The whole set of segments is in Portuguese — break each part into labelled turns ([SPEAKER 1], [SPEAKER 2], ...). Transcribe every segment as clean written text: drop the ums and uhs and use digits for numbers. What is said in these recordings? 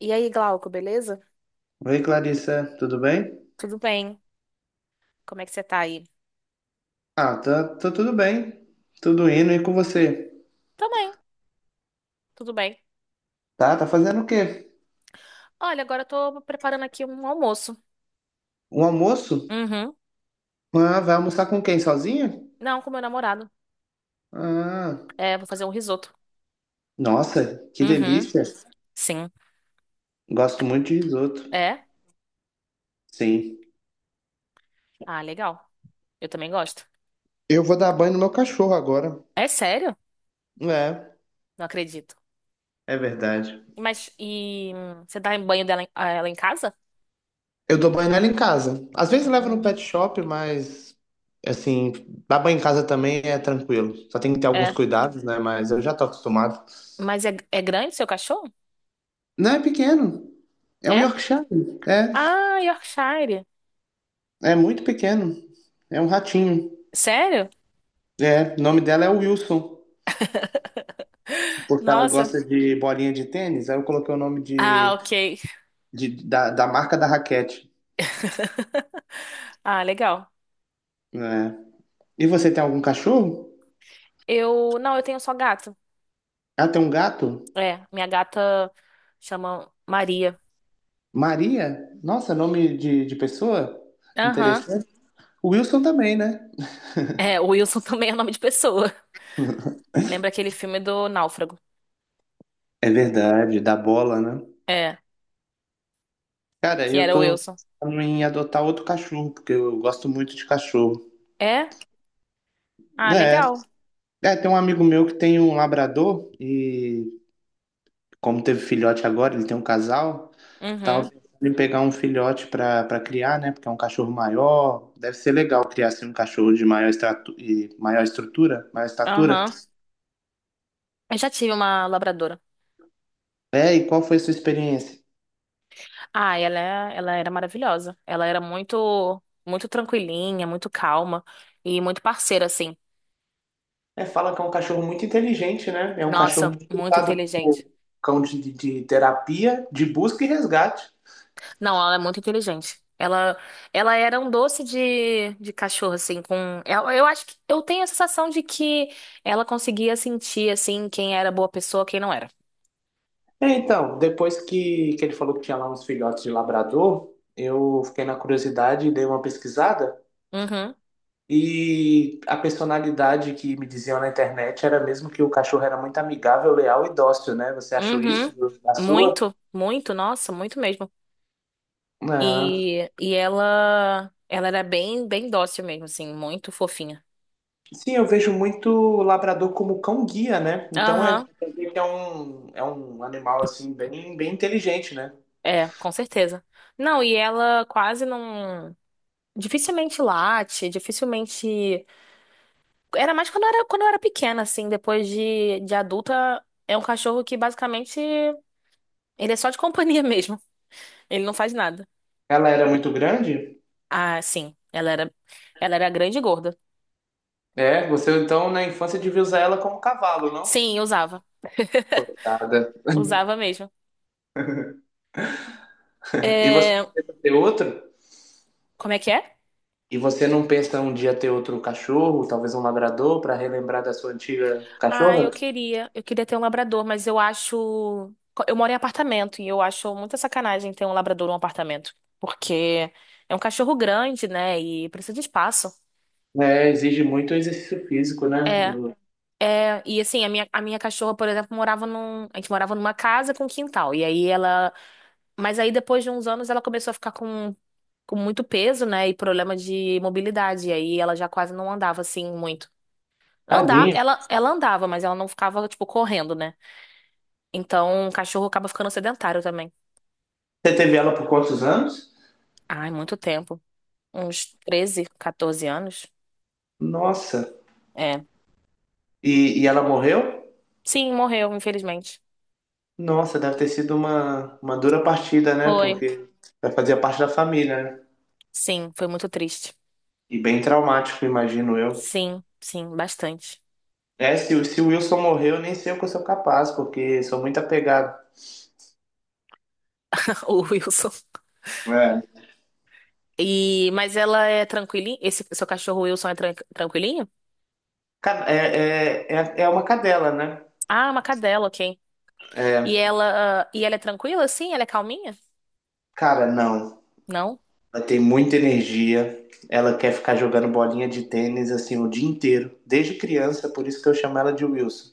[SPEAKER 1] E aí, Glauco, beleza?
[SPEAKER 2] Oi, Clarissa, tudo bem?
[SPEAKER 1] Tudo bem? Como é que você tá aí?
[SPEAKER 2] Ah, tá, tá tudo bem. Tudo indo e com você?
[SPEAKER 1] Também, tudo bem.
[SPEAKER 2] Tá, tá fazendo o quê?
[SPEAKER 1] Olha, agora eu tô preparando aqui um almoço.
[SPEAKER 2] Um almoço?
[SPEAKER 1] Uhum.
[SPEAKER 2] Ah, vai almoçar com quem? Sozinha?
[SPEAKER 1] Não, com meu namorado.
[SPEAKER 2] Ah,
[SPEAKER 1] É, vou fazer um risoto.
[SPEAKER 2] nossa, que
[SPEAKER 1] Uhum.
[SPEAKER 2] delícia.
[SPEAKER 1] Sim.
[SPEAKER 2] Gosto muito de risoto.
[SPEAKER 1] É?
[SPEAKER 2] Sim.
[SPEAKER 1] Ah, legal. Eu também gosto.
[SPEAKER 2] Eu vou dar banho no meu cachorro agora.
[SPEAKER 1] É sério?
[SPEAKER 2] É,
[SPEAKER 1] Não acredito.
[SPEAKER 2] é verdade.
[SPEAKER 1] Mas e você dá em banho dela a ela em casa?
[SPEAKER 2] Eu dou banho nela em casa. Às vezes eu levo no
[SPEAKER 1] Hum.
[SPEAKER 2] pet shop, mas assim, dar banho em casa também é tranquilo. Só tem que ter alguns
[SPEAKER 1] É.
[SPEAKER 2] cuidados, né? Mas eu já tô acostumado.
[SPEAKER 1] Mas é grande seu cachorro?
[SPEAKER 2] Não, é pequeno. É um
[SPEAKER 1] É?
[SPEAKER 2] Yorkshire. É.
[SPEAKER 1] Ah, Yorkshire.
[SPEAKER 2] É muito pequeno. É um ratinho.
[SPEAKER 1] Sério?
[SPEAKER 2] É, o nome dela é Wilson, porque ela
[SPEAKER 1] Nossa.
[SPEAKER 2] gosta de bolinha de tênis. Aí eu coloquei o nome
[SPEAKER 1] Ah,
[SPEAKER 2] de,
[SPEAKER 1] ok.
[SPEAKER 2] da marca da raquete.
[SPEAKER 1] Ah, legal.
[SPEAKER 2] Né? E você tem algum cachorro?
[SPEAKER 1] Eu, não, eu tenho só gato.
[SPEAKER 2] Ah, tem um gato?
[SPEAKER 1] É, minha gata chama Maria.
[SPEAKER 2] Maria? Nossa, nome de pessoa?
[SPEAKER 1] Aham.
[SPEAKER 2] Interessante. O Wilson também, né?
[SPEAKER 1] É, o Wilson também é nome de pessoa. Lembra aquele filme do Náufrago?
[SPEAKER 2] É verdade, da bola, né?
[SPEAKER 1] É,
[SPEAKER 2] Cara,
[SPEAKER 1] que
[SPEAKER 2] eu
[SPEAKER 1] era o
[SPEAKER 2] tô
[SPEAKER 1] Wilson.
[SPEAKER 2] pensando em adotar outro cachorro, porque eu gosto muito de cachorro.
[SPEAKER 1] É? Ah,
[SPEAKER 2] É,
[SPEAKER 1] legal.
[SPEAKER 2] é, tem um amigo meu que tem um labrador e como teve filhote agora, ele tem um casal, tava
[SPEAKER 1] Uhum.
[SPEAKER 2] pensando em pegar um filhote pra para criar, né? Porque é um cachorro maior, deve ser legal criar assim um cachorro de maior estratu e maior estrutura, maior estatura.
[SPEAKER 1] Aham. Eu já tive uma labradora.
[SPEAKER 2] É, e qual foi a sua experiência?
[SPEAKER 1] Ah, ela era maravilhosa. Ela era muito, muito tranquilinha, muito calma e muito parceira, assim.
[SPEAKER 2] É, fala que é um cachorro muito inteligente, né? É um cachorro
[SPEAKER 1] Nossa,
[SPEAKER 2] muito
[SPEAKER 1] muito
[SPEAKER 2] usado
[SPEAKER 1] inteligente.
[SPEAKER 2] como cão de terapia, de busca e resgate.
[SPEAKER 1] Não, ela é muito inteligente. Ela era um doce de cachorro, assim, com. Eu acho que eu tenho a sensação de que ela conseguia sentir, assim, quem era boa pessoa, quem não era.
[SPEAKER 2] É, então, depois que ele falou que tinha lá uns filhotes de labrador, eu fiquei na curiosidade e dei uma pesquisada.
[SPEAKER 1] Uhum,
[SPEAKER 2] E a personalidade que me diziam na internet era mesmo que o cachorro era muito amigável, leal e dócil, né? Você achou
[SPEAKER 1] uhum.
[SPEAKER 2] isso da sua?
[SPEAKER 1] Muito, muito, nossa, muito mesmo.
[SPEAKER 2] Ah,
[SPEAKER 1] E ela era bem, bem dócil mesmo, assim, muito fofinha.
[SPEAKER 2] sim, eu vejo muito o labrador como cão guia, né? Então é,
[SPEAKER 1] Aham,
[SPEAKER 2] é um, é um animal assim bem, bem inteligente, né?
[SPEAKER 1] é, com certeza. Não, e ela quase não. Dificilmente late, dificilmente. Era mais quando eu era pequena, assim. Depois de adulta, é um cachorro que basicamente ele é só de companhia mesmo. Ele não faz nada.
[SPEAKER 2] Ela era muito grande?
[SPEAKER 1] Ah, sim. Ela era grande e gorda.
[SPEAKER 2] É, você então na infância devia usar ela como cavalo, não?
[SPEAKER 1] Sim, eu usava.
[SPEAKER 2] Coitada.
[SPEAKER 1] Usava mesmo.
[SPEAKER 2] E você
[SPEAKER 1] É,
[SPEAKER 2] não pensa ter outro?
[SPEAKER 1] como é que é?
[SPEAKER 2] E você não pensa um dia ter outro cachorro, talvez um labrador, para relembrar da sua antiga
[SPEAKER 1] Ah, eu
[SPEAKER 2] cachorra?
[SPEAKER 1] queria. Eu queria ter um labrador, mas eu acho. Eu moro em apartamento e eu acho muita sacanagem ter um labrador num apartamento. Porque é um cachorro grande, né? E precisa de espaço.
[SPEAKER 2] É, exige muito exercício físico, né?
[SPEAKER 1] É. É, e assim, a minha cachorra, por exemplo, morava num. A gente morava numa casa com quintal. E aí ela. Mas aí depois de uns anos ela começou a ficar com muito peso, né? E problema de mobilidade. E aí ela já quase não andava assim muito. Andar,
[SPEAKER 2] Tadinho.
[SPEAKER 1] ela andava, mas ela não ficava, tipo, correndo, né? Então o cachorro acaba ficando sedentário também.
[SPEAKER 2] Você teve ela por quantos anos?
[SPEAKER 1] Ai, muito tempo. Uns 13 14 anos.
[SPEAKER 2] Nossa.
[SPEAKER 1] É.
[SPEAKER 2] E ela morreu?
[SPEAKER 1] Sim, morreu, infelizmente.
[SPEAKER 2] Nossa, deve ter sido uma dura partida, né?
[SPEAKER 1] Foi.
[SPEAKER 2] Porque vai fazer parte da família, né?
[SPEAKER 1] Sim, foi muito triste.
[SPEAKER 2] E bem traumático, imagino eu.
[SPEAKER 1] Sim, sim, bastante.
[SPEAKER 2] É, se o Wilson morreu, nem sei o que eu sou capaz, porque sou muito apegado.
[SPEAKER 1] O Wilson.
[SPEAKER 2] É.
[SPEAKER 1] E, mas ela é tranquilinha? Esse seu cachorro Wilson é tranquilinho?
[SPEAKER 2] É uma cadela, né?
[SPEAKER 1] Ah, uma cadela, ok. E
[SPEAKER 2] É,
[SPEAKER 1] ela, ah, e ela é tranquila, sim? Ela é calminha?
[SPEAKER 2] cara, não.
[SPEAKER 1] Não?
[SPEAKER 2] Ela tem muita energia. Ela quer ficar jogando bolinha de tênis assim o dia inteiro, desde criança, por isso que eu chamo ela de Wilson.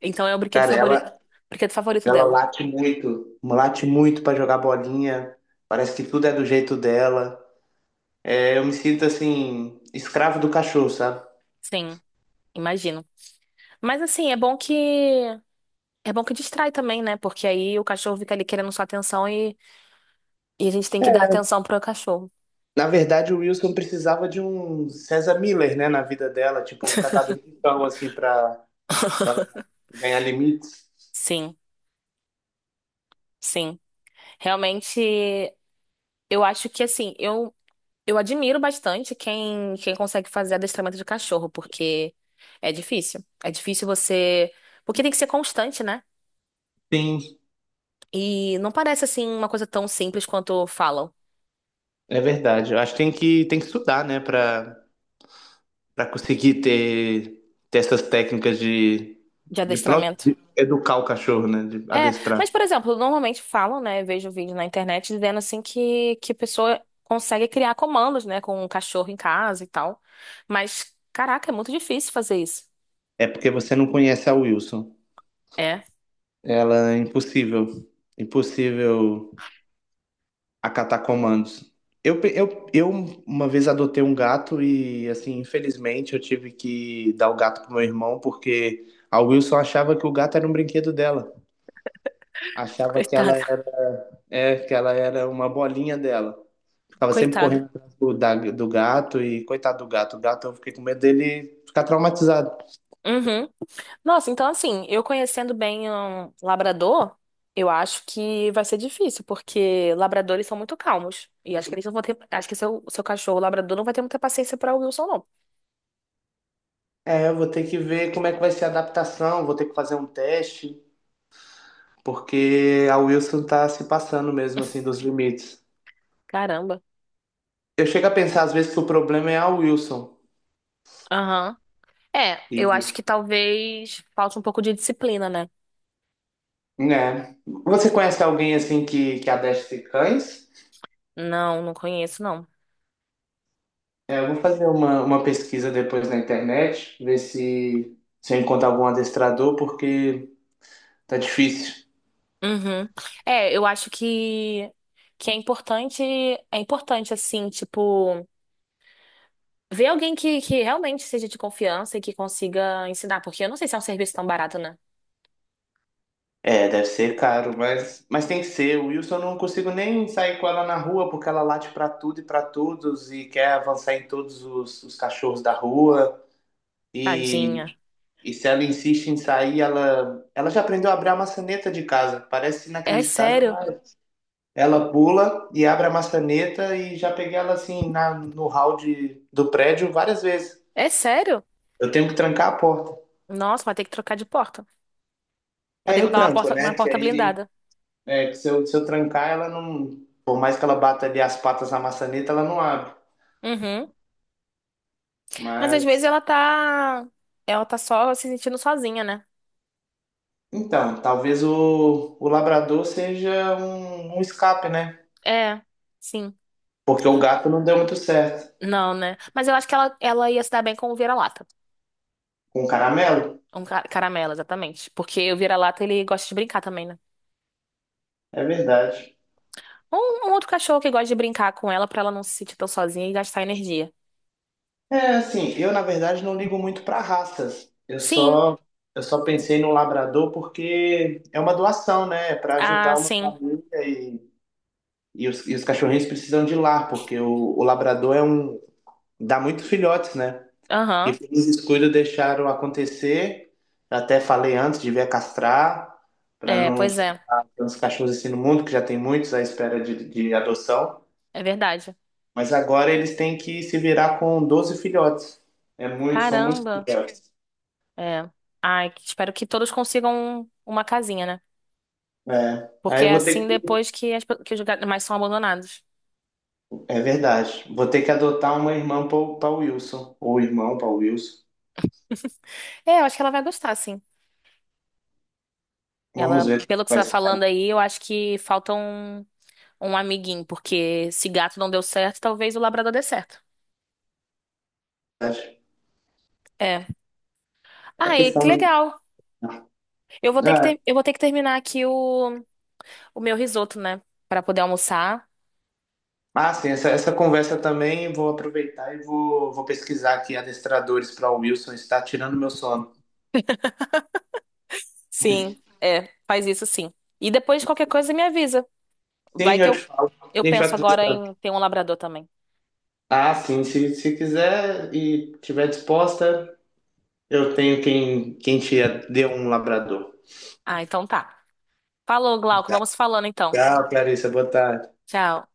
[SPEAKER 1] Então é o brinquedo
[SPEAKER 2] Cara,
[SPEAKER 1] favorito,
[SPEAKER 2] ela,
[SPEAKER 1] brinquedo favorito
[SPEAKER 2] ela
[SPEAKER 1] dela.
[SPEAKER 2] late muito pra jogar bolinha. Parece que tudo é do jeito dela. É, eu me sinto assim, escravo do cachorro, sabe?
[SPEAKER 1] Sim, imagino. Mas assim, é bom que distrai também, né? Porque aí o cachorro fica ali querendo sua atenção e a gente tem que dar atenção pro cachorro.
[SPEAKER 2] Na verdade, o Wilson precisava de um César Miller, né, na vida dela, tipo um catador de pau, assim, pra ganhar limites.
[SPEAKER 1] Sim, sim. Realmente, eu acho que assim, eu admiro bastante quem consegue fazer adestramento de cachorro, porque é difícil. É difícil você. Porque tem que ser constante, né?
[SPEAKER 2] Sim,
[SPEAKER 1] E não parece assim uma coisa tão simples quanto falam
[SPEAKER 2] é verdade. Eu acho que tem que estudar, né, pra para conseguir ter, essas técnicas de,
[SPEAKER 1] de
[SPEAKER 2] de próprio
[SPEAKER 1] adestramento.
[SPEAKER 2] de educar o cachorro, né? De
[SPEAKER 1] É,
[SPEAKER 2] adestrar.
[SPEAKER 1] mas, por exemplo, normalmente falam, né? Vejo vídeo na internet dizendo assim que a pessoa consegue criar comandos, né? Com um cachorro em casa e tal. Mas, caraca, é muito difícil fazer isso.
[SPEAKER 2] É porque você não conhece a Wilson.
[SPEAKER 1] É,
[SPEAKER 2] Ela é impossível, impossível acatar comandos. Eu uma vez adotei um gato e, assim, infelizmente eu tive que dar o gato pro meu irmão porque a Wilson achava que o gato era um brinquedo dela. Achava que ela
[SPEAKER 1] coitada,
[SPEAKER 2] era, que ela era uma bolinha dela. Ficava sempre
[SPEAKER 1] coitada.
[SPEAKER 2] correndo atrás do gato e coitado do gato. O gato, eu fiquei com medo dele ficar traumatizado.
[SPEAKER 1] Uhum. Nossa, então assim, eu conhecendo bem um labrador, eu acho que vai ser difícil, porque labradores são muito calmos. E acho que eles não vão ter, acho que seu, seu cachorro labrador não vai ter muita paciência pra o Wilson, não.
[SPEAKER 2] É, eu vou ter que ver como é que vai ser a adaptação, vou ter que fazer um teste, porque a Wilson tá se passando mesmo, assim, dos limites.
[SPEAKER 1] Caramba.
[SPEAKER 2] Eu chego a pensar, às vezes, que o problema é a Wilson.
[SPEAKER 1] Aham. É,
[SPEAKER 2] E,
[SPEAKER 1] eu acho que talvez falte um pouco de disciplina, né?
[SPEAKER 2] né? Você conhece alguém, assim, que adestre cães?
[SPEAKER 1] Não, não conheço, não.
[SPEAKER 2] É, eu vou fazer uma pesquisa depois na internet, ver se eu encontro algum adestrador, porque tá difícil.
[SPEAKER 1] Uhum. É, eu acho que é importante assim, tipo, ver alguém que realmente seja de confiança e que consiga ensinar, porque eu não sei se é um serviço tão barato, né?
[SPEAKER 2] É, deve ser caro, mas tem que ser. O Wilson, eu não consigo nem sair com ela na rua porque ela late pra tudo e pra todos e quer avançar em todos os cachorros da rua.
[SPEAKER 1] Tadinha.
[SPEAKER 2] E, e se ela insiste em sair, ela já aprendeu a abrir a maçaneta de casa. Parece
[SPEAKER 1] É
[SPEAKER 2] inacreditável,
[SPEAKER 1] sério?
[SPEAKER 2] mas ela pula e abre a maçaneta e já peguei ela assim no hall do prédio várias vezes.
[SPEAKER 1] É sério?
[SPEAKER 2] Eu tenho que trancar a porta.
[SPEAKER 1] Nossa, vai ter que trocar de porta. Vai ter
[SPEAKER 2] Aí
[SPEAKER 1] que
[SPEAKER 2] eu
[SPEAKER 1] botar
[SPEAKER 2] tranco, né?
[SPEAKER 1] uma
[SPEAKER 2] Que
[SPEAKER 1] porta
[SPEAKER 2] aí
[SPEAKER 1] blindada.
[SPEAKER 2] é, que se eu trancar, ela não. Por mais que ela bata ali as patas na maçaneta, ela não abre.
[SPEAKER 1] Uhum. Mas às vezes
[SPEAKER 2] Mas.
[SPEAKER 1] ela tá. Ela tá só se sentindo sozinha, né?
[SPEAKER 2] Então, talvez o labrador seja um escape, né?
[SPEAKER 1] É, sim.
[SPEAKER 2] Porque o gato não deu muito certo.
[SPEAKER 1] Não, né? Mas eu acho que ela ia se dar bem com o vira-lata.
[SPEAKER 2] Com o caramelo?
[SPEAKER 1] Um caramelo, exatamente. Porque o vira-lata, ele gosta de brincar também, né?
[SPEAKER 2] É verdade.
[SPEAKER 1] Um outro cachorro que gosta de brincar com ela pra ela não se sentir tão sozinha e gastar energia.
[SPEAKER 2] É, assim, eu na verdade não ligo muito para raças. Eu
[SPEAKER 1] Sim.
[SPEAKER 2] só. Eu só pensei no labrador porque é uma doação, né? Para
[SPEAKER 1] Ah,
[SPEAKER 2] ajudar uma
[SPEAKER 1] sim.
[SPEAKER 2] família e, e os cachorrinhos precisam de lar, porque o labrador é dá muitos filhotes, né? E
[SPEAKER 1] Aham.
[SPEAKER 2] pelos descuido deixaram acontecer. Até falei antes, devia castrar, para
[SPEAKER 1] É,
[SPEAKER 2] não
[SPEAKER 1] pois é.
[SPEAKER 2] colocar tantos cachorros assim no mundo, que já tem muitos à espera de adoção.
[SPEAKER 1] É verdade.
[SPEAKER 2] Mas agora eles têm que se virar com 12 filhotes. É muito, são muitos
[SPEAKER 1] Caramba.
[SPEAKER 2] filhotes.
[SPEAKER 1] É. Ai, que- espero que todos consigam uma casinha, né?
[SPEAKER 2] É.
[SPEAKER 1] Porque
[SPEAKER 2] Aí eu
[SPEAKER 1] é
[SPEAKER 2] vou ter
[SPEAKER 1] assim
[SPEAKER 2] que.
[SPEAKER 1] depois que os animais são abandonados.
[SPEAKER 2] É verdade. Vou ter que adotar uma irmã para o Wilson. Ou irmão para o Wilson.
[SPEAKER 1] É, eu acho que ela vai gostar, sim.
[SPEAKER 2] Vamos
[SPEAKER 1] Ela,
[SPEAKER 2] ver o que
[SPEAKER 1] pelo que você
[SPEAKER 2] vai
[SPEAKER 1] tá
[SPEAKER 2] ser. Na
[SPEAKER 1] falando aí, eu acho que falta um amiguinho, porque se gato não deu certo, talvez o labrador dê certo.
[SPEAKER 2] verdade.
[SPEAKER 1] É. Ah,
[SPEAKER 2] É
[SPEAKER 1] ai, que
[SPEAKER 2] questão de.
[SPEAKER 1] legal. Eu vou ter que
[SPEAKER 2] É,
[SPEAKER 1] terminar aqui o meu risoto, né? Pra poder almoçar.
[SPEAKER 2] ah, sim, essa conversa também vou aproveitar e vou pesquisar aqui adestradores para o Wilson, está tirando meu sono.
[SPEAKER 1] Sim, é, faz isso sim. E depois qualquer coisa me avisa. Vai
[SPEAKER 2] Sim,
[SPEAKER 1] que
[SPEAKER 2] eu te
[SPEAKER 1] eu,
[SPEAKER 2] falo.
[SPEAKER 1] eu
[SPEAKER 2] A gente
[SPEAKER 1] penso
[SPEAKER 2] vai
[SPEAKER 1] agora
[SPEAKER 2] conversando.
[SPEAKER 1] em ter um labrador também.
[SPEAKER 2] Ah, sim, se quiser e tiver disposta, eu tenho quem te dê um labrador.
[SPEAKER 1] Ah, então tá. Falou, Glauco.
[SPEAKER 2] Tá.
[SPEAKER 1] Vamos falando então.
[SPEAKER 2] Tchau, Clarissa, boa tarde.
[SPEAKER 1] Tchau.